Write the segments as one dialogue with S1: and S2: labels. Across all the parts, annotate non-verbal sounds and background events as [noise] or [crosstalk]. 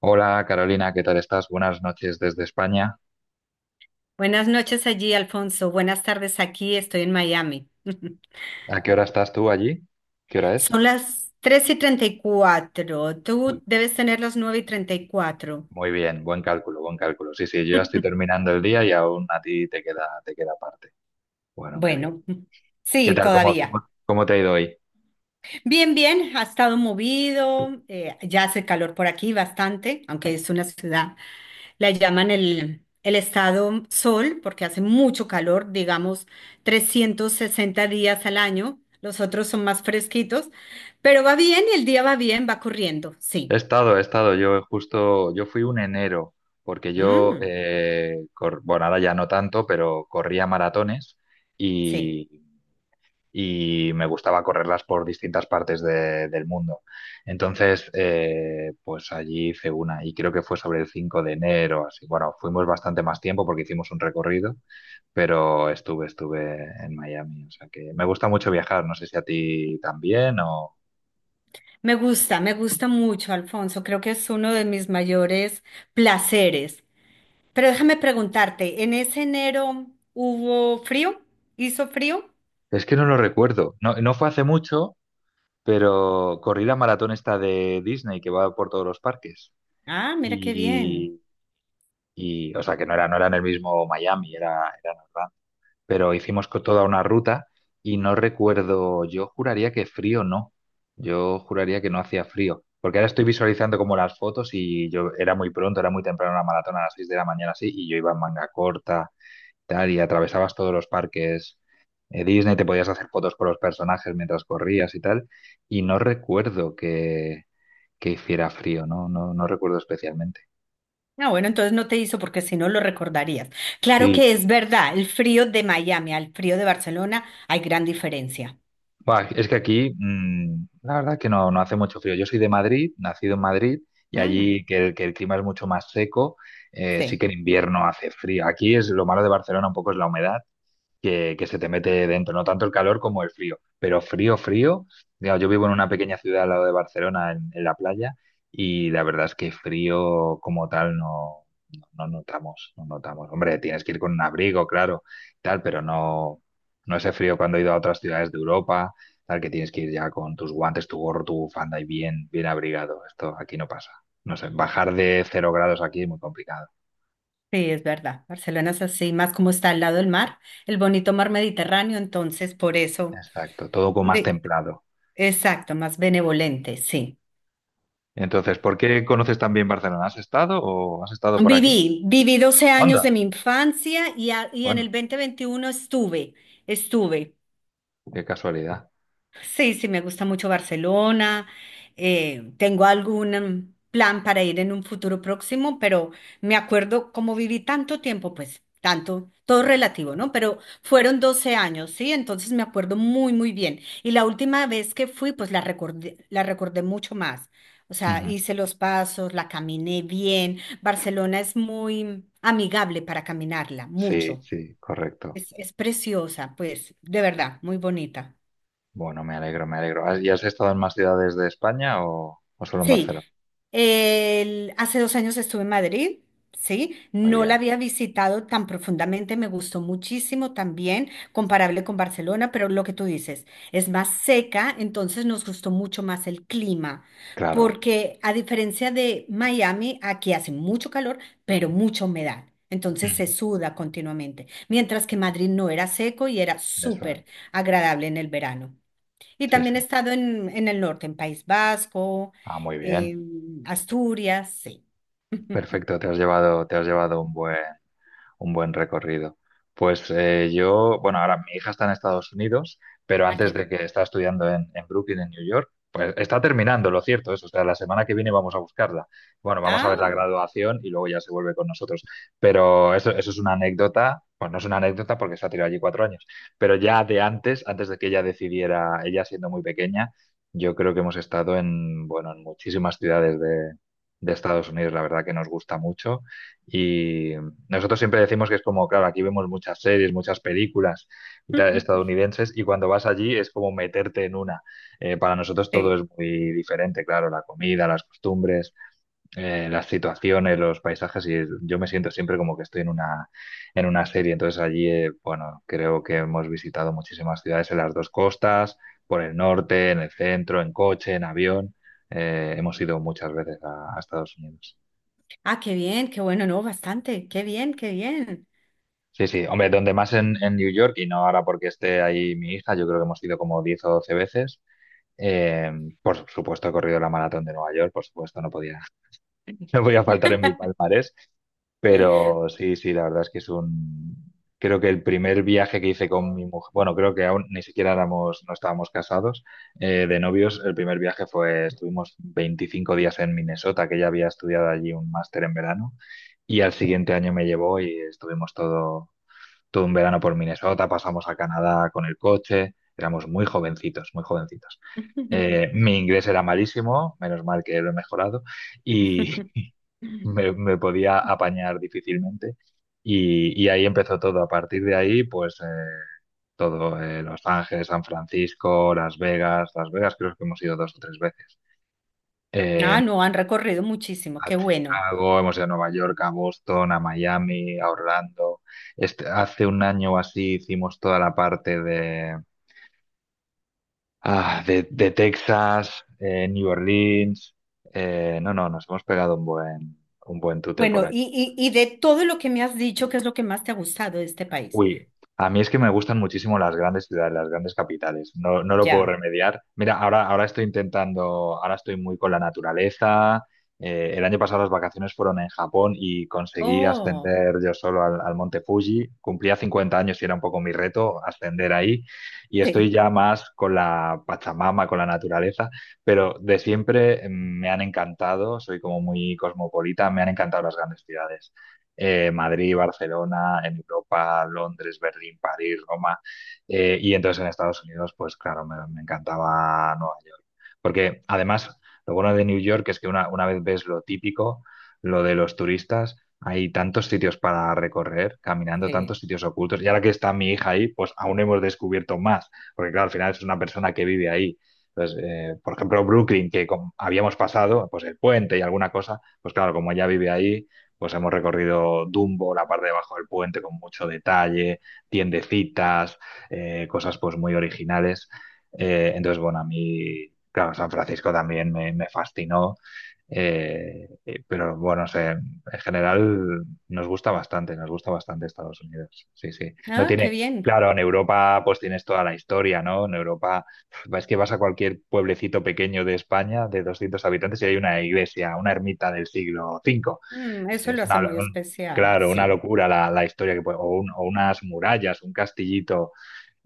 S1: Hola Carolina, ¿qué tal estás? Buenas noches desde España.
S2: Buenas noches allí, Alfonso. Buenas tardes aquí, estoy en Miami. [laughs]
S1: ¿A qué hora estás tú allí? ¿Qué hora es?
S2: Son las 3:34.
S1: Uy,
S2: Tú debes tener las 9:34.
S1: muy bien, buen cálculo, buen cálculo. Sí, sí, yo ya estoy terminando el día y aún a ti te queda parte. Bueno, me alegro.
S2: Bueno, [laughs]
S1: ¿Qué
S2: sí,
S1: tal? ¿Cómo,
S2: todavía.
S1: cómo, cómo te ha ido hoy?
S2: Bien, bien, ha estado movido, ya hace calor por aquí bastante, aunque es una ciudad, la llaman el estado sol porque hace mucho calor, digamos 360 días al año, los otros son más fresquitos, pero va bien y el día va bien, va corriendo,
S1: He
S2: sí.
S1: estado, he estado. Yo fui un enero, porque
S2: Mm,
S1: bueno, ahora ya no tanto, pero corría maratones
S2: sí,
S1: y. y me gustaba correrlas por distintas partes del mundo. Entonces, pues allí hice una y creo que fue sobre el 5 de enero, así. Bueno, fuimos bastante más tiempo porque hicimos un recorrido, pero estuve en Miami. O sea que me gusta mucho viajar, no sé si a ti también o.
S2: me gusta mucho, Alfonso, creo que es uno de mis mayores placeres. Pero déjame preguntarte, ¿en ese enero hubo frío? ¿Hizo frío?
S1: Es que no lo recuerdo. No, no fue hace mucho, pero corrí la maratón esta de Disney que va por todos los parques.
S2: Ah, mira qué bien.
S1: Y, o sea, que no era en el mismo Miami, era en Orlando, pero hicimos toda una ruta y no recuerdo, yo juraría que frío no, yo juraría que no hacía frío, porque ahora estoy visualizando como las fotos y yo era muy pronto, era muy temprano la maratón a las 6 de la mañana así y yo iba en manga corta, tal, y atravesabas todos los parques, Disney, te podías hacer fotos con los personajes mientras corrías y tal, y no recuerdo que hiciera frío, no, no, no recuerdo especialmente.
S2: Ah, bueno, entonces no te hizo porque si no lo recordarías. Claro
S1: Sí,
S2: que es verdad, el frío de Miami al frío de Barcelona hay gran diferencia.
S1: buah, es que aquí, la verdad que no, no hace mucho frío. Yo soy de Madrid, nacido en Madrid, y
S2: Mm,
S1: allí que el clima es mucho más seco, sí
S2: sí,
S1: que en invierno hace frío. Aquí es lo malo de Barcelona, un poco es la humedad, que se te mete dentro, no tanto el calor como el frío, pero frío, frío, digamos, yo vivo en una pequeña ciudad al lado de Barcelona, en la playa, y la verdad es que frío como tal no, no, no notamos, no notamos. Hombre, tienes que ir con un abrigo, claro, tal, pero no, no ese frío cuando he ido a otras ciudades de Europa, tal, que tienes que ir ya con tus guantes, tu gorro, tu bufanda y bien, bien abrigado. Esto aquí no pasa. No sé, bajar de 0 grados aquí es muy complicado.
S2: sí, es verdad. Barcelona es así, más como está al lado del mar, el bonito mar Mediterráneo, entonces por eso,
S1: Exacto, todo con más
S2: de,
S1: templado.
S2: exacto, más benevolente, sí.
S1: Entonces, ¿por qué conoces tan bien Barcelona? ¿Has estado o has estado por aquí?
S2: Viví, viví 12 años
S1: Anda.
S2: de mi infancia y, y en el
S1: Bueno,
S2: 2021 estuve, estuve.
S1: qué casualidad.
S2: Sí, sí, me gusta mucho Barcelona. Tengo algún plan para ir en un futuro próximo, pero me acuerdo como viví tanto tiempo, pues tanto, todo relativo, ¿no? Pero fueron 12 años, ¿sí? Entonces me acuerdo muy, muy bien. Y la última vez que fui, pues la recordé mucho más. O sea,
S1: Ujú.
S2: hice los pasos, la caminé bien. Barcelona es muy amigable para caminarla,
S1: Sí,
S2: mucho.
S1: sí, correcto.
S2: Es preciosa, pues, de verdad, muy bonita.
S1: Bueno, me alegro, me alegro. ¿Y has estado en más ciudades de España o solo en
S2: Sí,
S1: Barcelona?
S2: hace 2 años estuve en Madrid, ¿sí?
S1: Muy
S2: No la
S1: bien.
S2: había visitado tan profundamente, me gustó muchísimo también, comparable con Barcelona, pero lo que tú dices, es más seca, entonces nos gustó mucho más el clima,
S1: Claro,
S2: porque a diferencia de Miami, aquí hace mucho calor, pero mucha humedad. Entonces se
S1: Ujú.
S2: suda continuamente, mientras que Madrid no era seco y era
S1: Eso es.
S2: súper agradable en el verano. Y
S1: Sí,
S2: también
S1: sí.
S2: he estado en, el norte, en País Vasco,
S1: Ah, muy bien.
S2: en Asturias, sí. [laughs]
S1: Perfecto, te has llevado un buen recorrido. Pues bueno, ahora mi hija está en Estados Unidos, pero
S2: Ah,
S1: antes
S2: qué
S1: de
S2: bien.
S1: que está estudiando en Brooklyn, en New York, pues está terminando, lo cierto es, o sea, la semana que viene vamos a buscarla. Bueno, vamos a ver la
S2: Ah,
S1: graduación y luego ya se vuelve con nosotros. Pero eso es una anécdota, pues no es una anécdota porque se ha tirado allí 4 años, pero ya antes de que ella decidiera, ella siendo muy pequeña, yo creo que hemos estado bueno, en muchísimas ciudades de Estados Unidos, la verdad que nos gusta mucho. Nosotros siempre decimos que es como, claro, aquí vemos muchas series, muchas películas y tal,
S2: [laughs]
S1: estadounidenses, y cuando vas allí es como meterte en una. Para nosotros todo
S2: sí.
S1: es muy diferente, claro, la comida, las costumbres, las situaciones, los paisajes, y yo me siento siempre como que estoy en una, serie. Entonces allí, bueno, creo que hemos visitado muchísimas ciudades en las dos costas, por el norte, en el centro, en coche, en avión. Hemos ido muchas veces a Estados Unidos.
S2: Ah, qué bien, qué bueno, no, bastante, qué bien, qué bien.
S1: Sí, sí, hombre, donde más en New York, y no ahora porque esté ahí mi hija, yo creo que hemos ido como 10 o 12 veces. Eh, por supuesto, he corrido la maratón de Nueva York, por supuesto, no podía, [laughs] no podía faltar en mi palmarés. Pero sí, sí, la verdad es que es un. Creo que el primer viaje que hice con mi mujer, bueno, creo que aún ni siquiera éramos, no estábamos casados, de novios, el primer viaje fue, estuvimos 25 días en Minnesota, que ella había estudiado allí un máster en verano, y al siguiente año me llevó y estuvimos todo un verano por Minnesota, pasamos a Canadá con el coche, éramos muy jovencitos, muy jovencitos.
S2: [laughs]
S1: Mi inglés era malísimo, menos mal que lo he mejorado, y [laughs] me podía apañar difícilmente. Y, ahí empezó todo. A partir de ahí, pues todo, Los Ángeles, San Francisco, Las Vegas. Las Vegas creo que hemos ido 2 o 3 veces. Eh,
S2: Ah, no, han recorrido muchísimo,
S1: a
S2: qué bueno.
S1: Chicago, hemos ido a Nueva York, a Boston, a Miami, a Orlando. Este, hace un año o así hicimos toda la parte de Texas, New Orleans. No, no, nos hemos pegado un buen tute por.
S2: Bueno, y de todo lo que me has dicho, ¿qué es lo que más te ha gustado de este país?
S1: Uy, a mí es que me gustan muchísimo las grandes ciudades, las grandes capitales. No, no lo puedo
S2: Ya.
S1: remediar. Mira, ahora, estoy intentando, ahora estoy muy con la naturaleza. El año pasado las vacaciones fueron en Japón y conseguí
S2: Oh,
S1: ascender yo solo al Monte Fuji. Cumplía 50 años y era un poco mi reto ascender ahí. Y estoy
S2: sí,
S1: ya más con la Pachamama, con la naturaleza, pero de siempre me han encantado, soy como muy cosmopolita, me han encantado las grandes ciudades, Madrid, Barcelona, en Europa, Londres, Berlín, París, Roma. Y entonces en Estados Unidos, pues claro, me encantaba Nueva York. Porque además, lo bueno de New York es que una vez ves lo típico, lo de los turistas, hay tantos sitios para recorrer, caminando, tantos
S2: sí.
S1: sitios ocultos. Y ahora que está mi hija ahí, pues aún hemos descubierto más. Porque claro, al final es una persona que vive ahí. Entonces, por ejemplo, Brooklyn, que habíamos pasado, pues el puente y alguna cosa, pues claro, como ella vive ahí, pues hemos recorrido Dumbo, la parte de abajo del puente con mucho detalle, tiendecitas, cosas pues muy originales. Entonces, bueno, a mí, claro, San Francisco también me fascinó, pero bueno, no sé, en general nos gusta bastante Estados Unidos. Sí, sí. No
S2: Ah, qué
S1: tiene,
S2: bien.
S1: claro, en Europa pues tienes toda la historia, ¿no? En Europa es que vas a cualquier pueblecito pequeño de España de 200 habitantes y hay una iglesia, una ermita del siglo V.
S2: Mm, eso lo
S1: Es
S2: hace muy especial,
S1: claro, una
S2: sí.
S1: locura la historia que puede, o, o unas murallas, un castillito,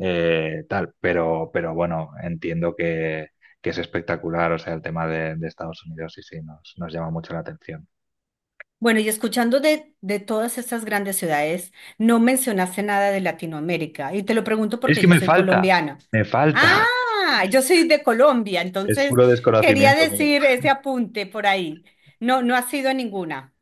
S1: tal, pero bueno, entiendo que es espectacular, o sea, el tema de Estados Unidos, sí, sí, nos llama mucho la atención.
S2: Bueno, y escuchando de todas estas grandes ciudades, no mencionaste nada de Latinoamérica. Y te lo pregunto
S1: Es
S2: porque
S1: que
S2: yo soy colombiana.
S1: me falta,
S2: Ah, yo soy de Colombia,
S1: [laughs] es
S2: entonces
S1: puro
S2: quería
S1: desconocimiento mío.
S2: decir ese apunte por ahí. No, no ha sido ninguna.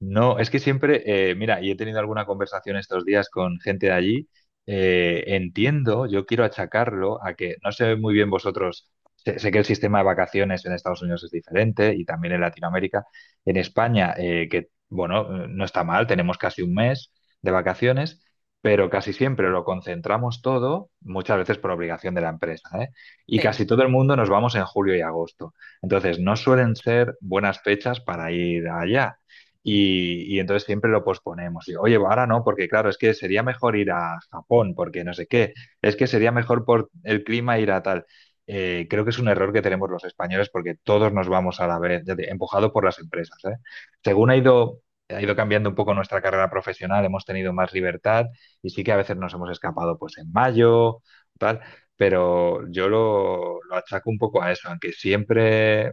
S1: No, es que siempre, mira, y he tenido alguna conversación estos días con gente de allí, entiendo, yo quiero achacarlo a que, no sé muy bien vosotros, sé que el sistema de vacaciones en Estados Unidos es diferente y también en Latinoamérica, en España, que, bueno, no está mal, tenemos casi un mes de vacaciones, pero casi siempre lo concentramos todo, muchas veces por obligación de la empresa, ¿eh? Y casi
S2: Sí.
S1: todo el mundo nos vamos en julio y agosto. Entonces, no suelen ser buenas fechas para ir allá. Y entonces siempre lo posponemos. Y, oye, ahora no, porque claro, es que sería mejor ir a Japón, porque no sé qué. Es que sería mejor por el clima ir a tal. Creo que es un error que tenemos los españoles porque todos nos vamos a la vez, empujado por las empresas, ¿eh? Según ha ido cambiando un poco nuestra carrera profesional, hemos tenido más libertad y sí que a veces nos hemos escapado pues en mayo, tal, pero yo lo achaco un poco a eso, aunque siempre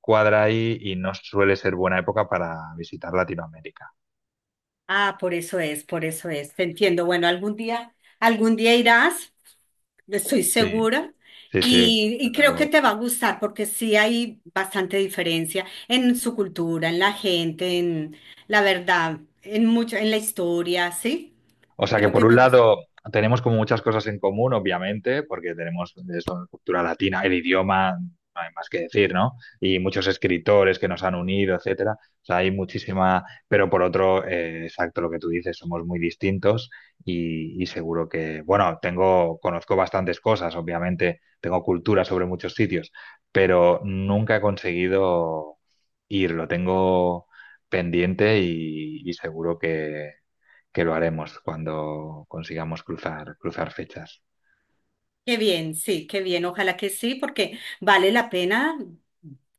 S1: cuadra ahí y no suele ser buena época para visitar Latinoamérica.
S2: Ah, por eso es, por eso es. Te entiendo. Bueno, algún día irás, estoy
S1: Sí,
S2: segura,
S1: sí, sí,
S2: y
S1: desde
S2: creo que
S1: luego.
S2: te va a gustar porque sí hay bastante diferencia en su cultura, en la gente, en la verdad, en mucho, en la historia, ¿sí?
S1: O sea que
S2: Creo
S1: por
S2: que te
S1: un
S2: gusta.
S1: lado tenemos como muchas cosas en común, obviamente, porque tenemos eso, cultura latina, el idioma, no hay más que decir, ¿no? Y muchos escritores que nos han unido, etcétera. O sea, hay muchísima, pero por otro, exacto lo que tú dices, somos muy distintos, y seguro que, bueno, tengo, conozco bastantes cosas, obviamente, tengo cultura sobre muchos sitios, pero nunca he conseguido ir, lo tengo pendiente y seguro que lo haremos cuando consigamos cruzar fechas.
S2: Qué bien, sí, qué bien. Ojalá que sí, porque vale la pena.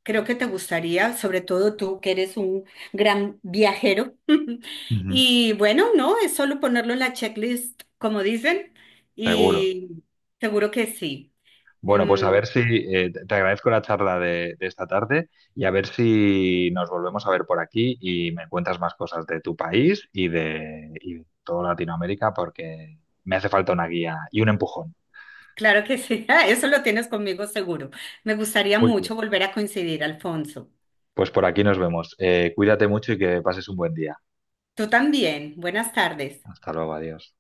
S2: Creo que te gustaría, sobre todo tú que eres un gran viajero. [laughs]
S1: Ujú.
S2: Y bueno, no, es solo ponerlo en la checklist, como dicen,
S1: Seguro.
S2: y seguro que sí.
S1: Bueno, pues a
S2: Em,
S1: ver si te agradezco la charla de esta tarde y a ver si nos volvemos a ver por aquí y me cuentas más cosas de tu país y de toda Latinoamérica porque me hace falta una guía y un empujón.
S2: claro que sí, [laughs] ah, eso lo tienes conmigo seguro. Me gustaría
S1: Muy
S2: mucho
S1: bien.
S2: volver a coincidir, Alfonso.
S1: Pues por aquí nos vemos. Cuídate mucho y que pases un buen día.
S2: Tú también. Buenas tardes.
S1: Hasta luego, adiós.